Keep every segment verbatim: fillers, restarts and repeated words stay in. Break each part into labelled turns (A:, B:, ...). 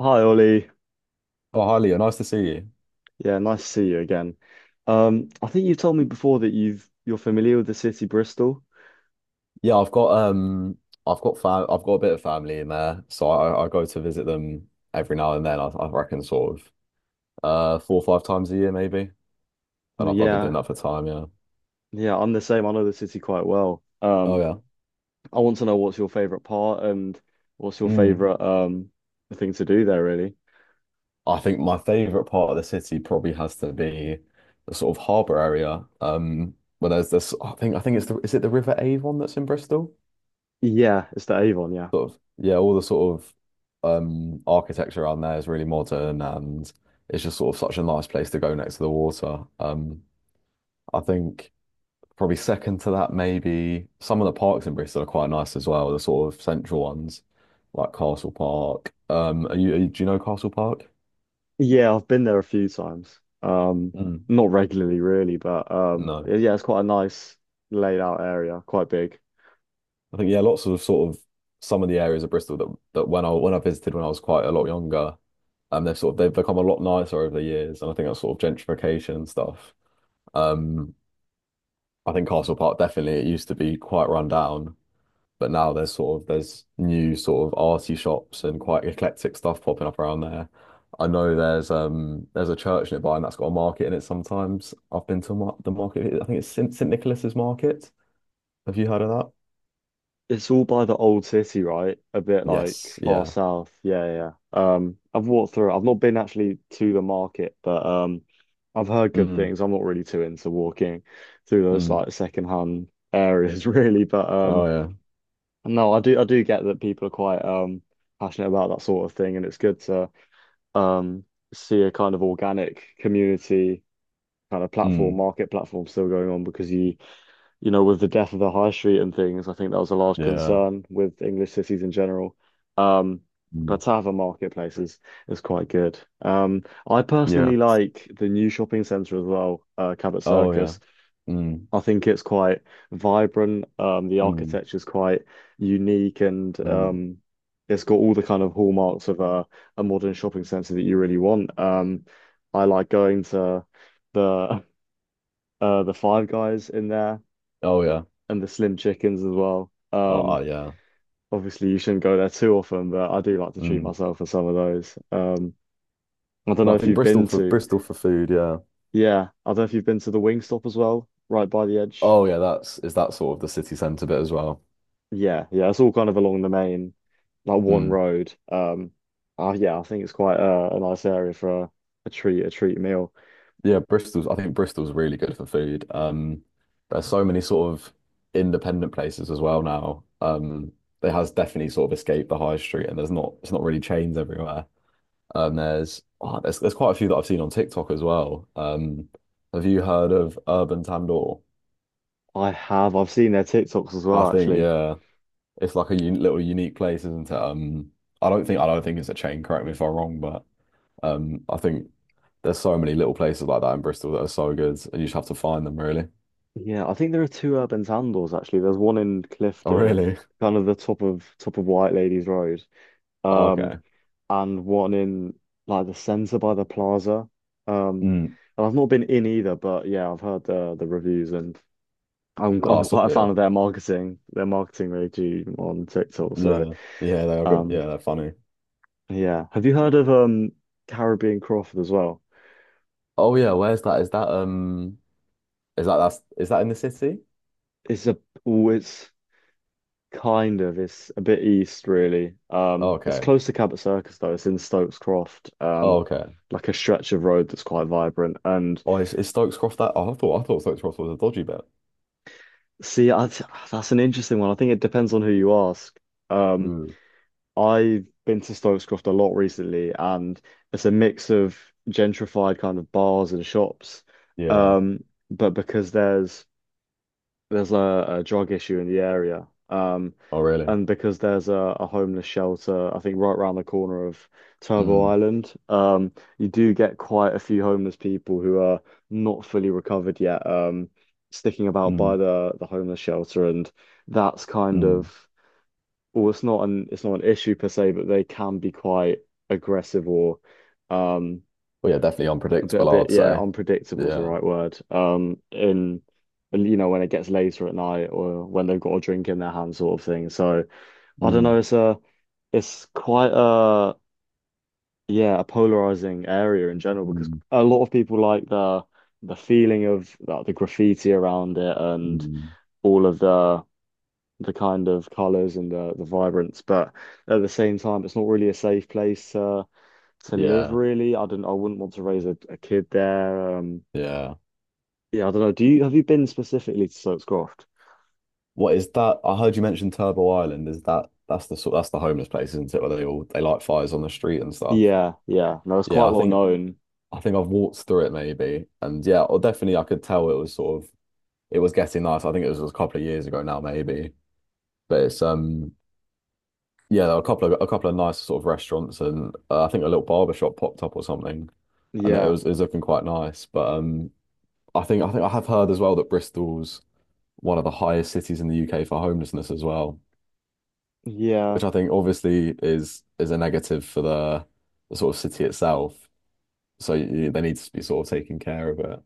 A: Hi Ollie.
B: Oh, hi Leo, nice to see you.
A: Yeah, nice to see you again. Um, I think you told me before that you've you're familiar with the city Bristol.
B: Yeah, I've got um, I've got fam, I've got a bit of family in there, so I, I go to visit them every now and then. I, I reckon sort of uh four or five times a year maybe, and I've, I've been doing
A: Yeah,
B: that for time. Yeah.
A: yeah, I'm the same. I know the city quite well.
B: Oh
A: Um,
B: yeah.
A: I want to know what's your favorite part and what's your
B: Mm.
A: favorite um thing to do there really.
B: I think my favorite part of the city probably has to be the sort of harbour area. Um, where there's this, I think I think it's the is it the River Avon that's in Bristol?
A: Yeah, it's the Avon, yeah.
B: Sort of yeah, all the sort of um architecture around there is really modern and it's just sort of such a nice place to go next to the water. Um I think probably second to that maybe some of the parks in Bristol are quite nice as well, the sort of central ones like Castle Park. Um are you, are you- do you know Castle Park?
A: Yeah, I've been there a few times. Um,
B: Mm,
A: not regularly really, but um
B: no.
A: yeah, it's quite a nice laid out area, quite big.
B: I think yeah, lots of sort of some of the areas of Bristol that that when I when I visited when I was quite a lot younger, um they've sort of they've become a lot nicer over the years and I think that's sort of gentrification and stuff. Um, I think Castle Park definitely it used to be quite run down, but now there's sort of there's new sort of arty shops and quite eclectic stuff popping up around there. I know there's um there's a church nearby and that's got a market in it sometimes. I've been to mar the market. I think it's St St Nicholas's Market. Have you heard of that?
A: It's all by the old city, right? A bit like
B: Yes.
A: far
B: Yeah.
A: south. Yeah, yeah, yeah. Um, I've walked through it. I've not been actually to the market, but um, I've heard good
B: Mm,
A: things. I'm not really too into walking through those
B: mm.
A: like secondhand areas, really. But um,
B: Oh yeah.
A: no, I do I do get that people are quite um passionate about that sort of thing, and it's good to um see a kind of organic community kind of platform,
B: Mm,
A: market platform still going on because you you know, with the death of the high street and things, I think that was a large
B: yeah.
A: concern with English cities in general. Um,
B: Mm,
A: but to have a marketplace is, is quite good. Um, I
B: yeah.
A: personally like the new shopping centre as well, uh, Cabot
B: Oh yeah.
A: Circus.
B: Mm,
A: I think it's quite vibrant. Um, the
B: mm,
A: architecture is quite unique and
B: mm.
A: um, it's got all the kind of hallmarks of a, a modern shopping centre that you really want. Um, I like going to the uh, the Five Guys in there
B: Oh yeah.
A: and the slim chickens as well.
B: Oh
A: Um,
B: uh, yeah.
A: obviously you shouldn't go there too often, but I do like to treat
B: Mm.
A: myself for some of those. Um, I don't
B: No,
A: know
B: I
A: if
B: think
A: you've
B: Bristol
A: been
B: for
A: to,
B: Bristol for food, yeah.
A: yeah, I don't know if you've been to the Wingstop as well, right by the edge.
B: Oh yeah, that's is that sort of the city centre bit as well?
A: Yeah, yeah, it's all kind of along the main, like one
B: Mm.
A: road. Um, uh, yeah, I think it's quite a, a nice area for a, a treat, a treat meal.
B: Yeah, Bristol's I think Bristol's really good for food. Um there's so many sort of independent places as well now. Um it has definitely sort of escaped the high street and there's not it's not really chains everywhere. Um there's oh, there's there's quite a few that I've seen on TikTok as well. Um have you heard of Urban Tandoor?
A: I have, I've seen their TikToks as
B: I
A: well,
B: think
A: actually.
B: yeah. It's like a un little unique place, isn't it? Um I don't think I don't think it's a chain, correct me if I'm wrong, but Um, I think there's so many little places like that in Bristol that are so good, and you just have to find them, really.
A: Yeah, I think there are two urban sandals actually. There's one in
B: Oh,
A: Clifton,
B: really?
A: kind of the top of top of White Ladies Road.
B: Oh,
A: Um,
B: okay.
A: and one in like the centre by the plaza. Um,
B: Mm.
A: and I've not been in either, but yeah, I've heard the the reviews and I'm
B: Oh,
A: I'm
B: so,
A: quite a
B: yeah.
A: fan of their marketing, their marketing they do on TikTok. So
B: Yeah. Yeah, they are good.
A: um,
B: Yeah, they're funny.
A: yeah, have you heard of um Caribbean Crawford as well?
B: Oh yeah, where's that? Is that um is that that's is that in the city?
A: It's a oh, it's kind of it's a bit east really. Um,
B: Oh,
A: it's
B: okay.
A: close to Cabot Circus though. It's in Stokes Croft. Um,
B: Oh, okay.
A: like a stretch of road that's quite vibrant and.
B: Oh, is, is Stokes Cross that? Oh, I thought I thought Stokes Cross was a dodgy bet.
A: See, I, th- that's an interesting one. I think it depends on who you ask. Um,
B: Mm.
A: I've been to Stokes Croft a lot recently, and it's a mix of gentrified kind of bars and shops.
B: Yeah.
A: Um, but because there's there's a, a drug issue in the area. Um,
B: Oh, really?
A: and because there's a, a homeless shelter, I think right around the corner of Turbo
B: Mm.
A: Island, um, you do get quite a few homeless people who are not fully recovered yet, um, sticking about by
B: Mm.
A: the, the homeless shelter, and that's kind
B: Mm.
A: of well, it's not an it's not an issue per se, but they can be quite aggressive or um,
B: Well, yeah, definitely
A: a bit, a
B: unpredictable,
A: bit,
B: I'd
A: yeah,
B: say.
A: unpredictable is the
B: Yeah.
A: right word. Um, in and, you know when it gets later at night or when they've got a drink in their hand, sort of thing. So I don't know.
B: Mm,
A: It's a, it's quite a, yeah, a polarizing area in general because
B: mm,
A: a lot of people like the the feeling of like, the graffiti around it and
B: mm.
A: all of the the kind of colors and the the vibrance, but at the same time, it's not really a safe place to to live.
B: Yeah.
A: Really, I don't. I wouldn't want to raise a, a kid there. Um,
B: Yeah.
A: Yeah, I don't know. Do you have you been specifically to Soap's Croft?
B: What is that? I heard you mention Turbo Island. Is that that's the sort that's the homeless place, isn't it? Where they all they light fires on the street and stuff.
A: Yeah, yeah. No, it's quite
B: Yeah, I
A: well
B: think
A: known.
B: I think I've walked through it maybe, and yeah, or definitely I could tell it was sort of it was getting nice. I think it was a couple of years ago now maybe, but it's um yeah, there were a couple of a couple of nice sort of restaurants and uh, I think a little barber shop popped up or something, and it
A: Yeah,
B: was it was looking quite nice. But um, I think I think I have heard as well that Bristol's one of the highest cities in the U K for homelessness as well,
A: yeah,
B: which I think obviously is is a negative for the, the sort of city itself. So you, you- they need to be sort of taking care of it.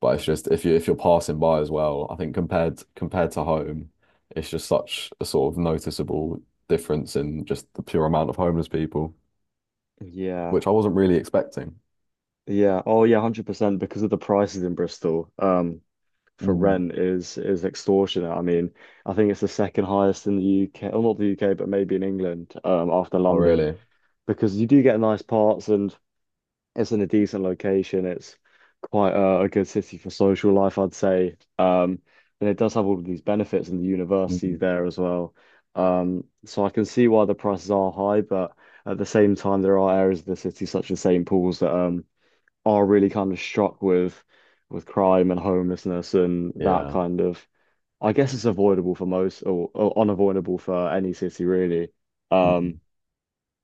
B: But it's just if you if you're passing by as well, I think compared compared to home, it's just such a sort of noticeable difference in just the pure amount of homeless people,
A: yeah,
B: which I wasn't really expecting.
A: yeah. Oh yeah, one hundred percent because of the prices in Bristol. Um, for
B: Mm.
A: rent is is extortionate. I mean, I think it's the second highest in the U K, or not the U K, but maybe in England, um, after
B: Oh,
A: London,
B: really?
A: because you do get nice parts and it's in a decent location. It's quite a, a good city for social life, I'd say. Um, and it does have all of these benefits and the universities
B: Mm.
A: there as well. Um, so I can see why the prices are high, but at the same time, there are areas of the city, such as saint Paul's, that um, are really kind of struck with with crime and homelessness and that
B: Yeah.
A: kind of. I guess it's avoidable for most, or, or unavoidable for any city, really. Um,
B: Mm.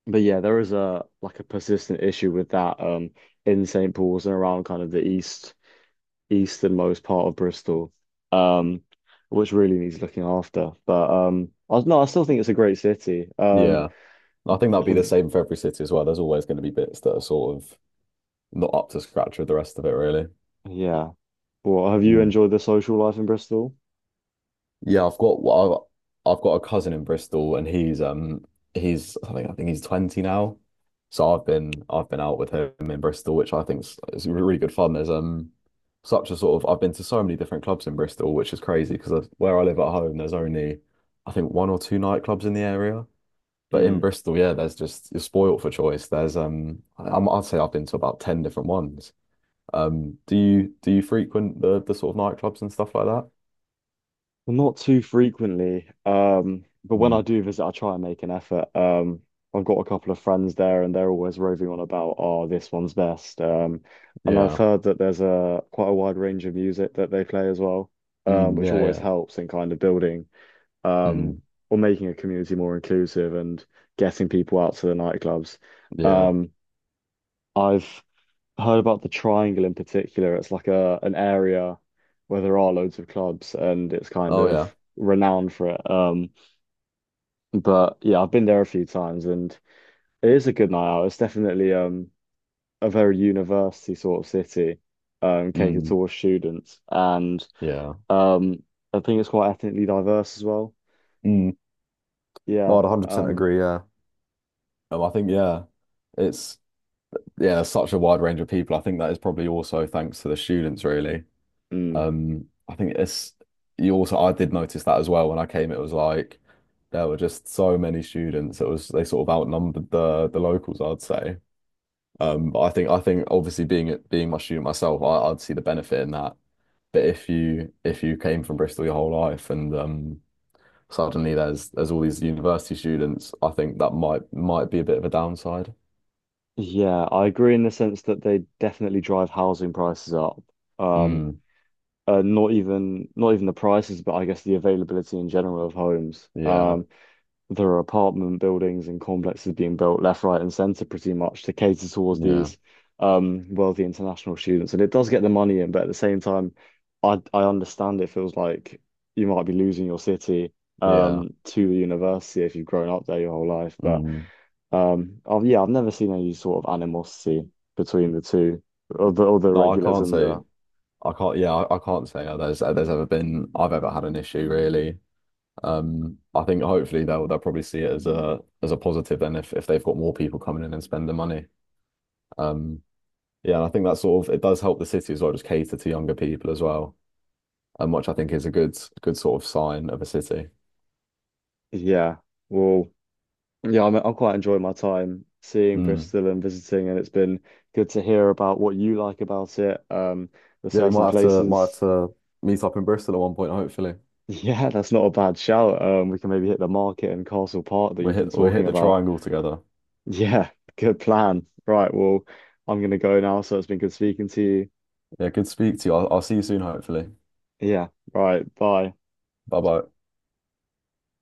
A: but yeah, there is a like a persistent issue with that um, in saint Paul's and around kind of the east easternmost part of Bristol, um, which really needs looking after. But um, I, no, I still think it's a great city. Um,
B: Yeah. I think that'll be
A: have,
B: the same for every city as well. There's always going to be bits that are sort of not up to scratch with the rest of it, really.
A: yeah. Well, have you
B: Mm.
A: enjoyed the social life in Bristol?
B: Yeah, I've got well, I've I've got a cousin in Bristol, and he's um he's I think I think he's twenty now. So I've been I've been out with him in Bristol, which I think is, is really good fun. There's um such a sort of I've been to so many different clubs in Bristol, which is crazy because where I live at home, there's only I think one or two nightclubs in the area. But in
A: Mm.
B: Bristol, yeah, there's just you're spoilt for choice. There's um I, I'm- I'd say I've been to about ten different ones. Um, do you do you frequent the the sort of nightclubs and stuff like that?
A: Well, not too frequently, um, but when I
B: Mm.
A: do visit, I try and make an effort. Um, I've got a couple of friends there, and they're always roving on about, oh, this one's best. Um, and I've
B: Yeah.
A: heard that there's a quite a wide range of music that they play as well, um,
B: Mm,
A: which
B: yeah,
A: always
B: yeah.
A: helps in kind of building um,
B: Mm,
A: or making a community more inclusive and getting people out to the nightclubs.
B: yeah.
A: Um, I've heard about the Triangle in particular. It's like a an area where there are loads of clubs and it's kind
B: Oh,
A: of
B: yeah.
A: renowned for it. Um, but yeah, I've been there a few times and it is a good night out. It's definitely um a very university sort of city, um, catered
B: Mm,
A: towards students and
B: yeah.
A: um I think it's quite ethnically diverse as well.
B: Mm. No,
A: Yeah.
B: I'd one hundred percent
A: Um
B: agree. Yeah. Um, I think, yeah, it's, yeah, there's such a wide range of people. I think that is probably also thanks to the students, really.
A: mm.
B: Um, I think it's, you also, I did notice that as well when I came. It was like, there were just so many students. It was, they sort of outnumbered the, the locals, I'd say. Um, but I think, I think obviously being, being my student myself, I, I'd see the benefit in that. But if you, if you came from Bristol your whole life and, um, suddenly there's there's all these university students. I think that might might be a bit of a downside.
A: Yeah, I agree in the sense that they definitely drive housing prices up. Um,
B: Mm,
A: uh, not even not even the prices, but I guess the availability in general of homes.
B: yeah,
A: Um, there are apartment buildings and complexes being built left, right, and centre pretty much to cater towards
B: yeah,
A: these um wealthy international students, and it does get the money in, but at the same time, I I understand it feels like you might be losing your city
B: yeah.
A: um to the university if you've grown up there your whole life, but.
B: Mm.
A: Um, oh yeah, I've never seen any sort of animosity between the two other other
B: No, I
A: regulars
B: can't
A: and the
B: say I can't. Yeah, I, I can't say uh, there's uh, there's ever been I've ever had an issue really. Um, I think hopefully they'll they'll probably see it as a as a positive then if if they've got more people coming in and spending money. Um, yeah, and I think that sort of it does help the city as well, just cater to younger people as well, um, which I think is a good good sort of sign of a city.
A: yeah. Well, yeah, I'm I'm quite enjoying my time seeing
B: Mm.
A: Bristol and visiting, and it's been good to hear about what you like about it. Um, the
B: Yeah, we
A: certain
B: might have to might have
A: places.
B: to meet up in Bristol at one point, hopefully.
A: Yeah, that's not a bad shout. Um, we can maybe hit the market and Castle Park that
B: we
A: you've been
B: hit we hit
A: talking
B: the
A: about.
B: triangle together.
A: Yeah, good plan. Right, well, I'm gonna go now, so it's been good speaking to you.
B: Yeah, good to speak to you. I'll, I'll see you soon, hopefully.
A: Yeah, right, bye.
B: Bye bye.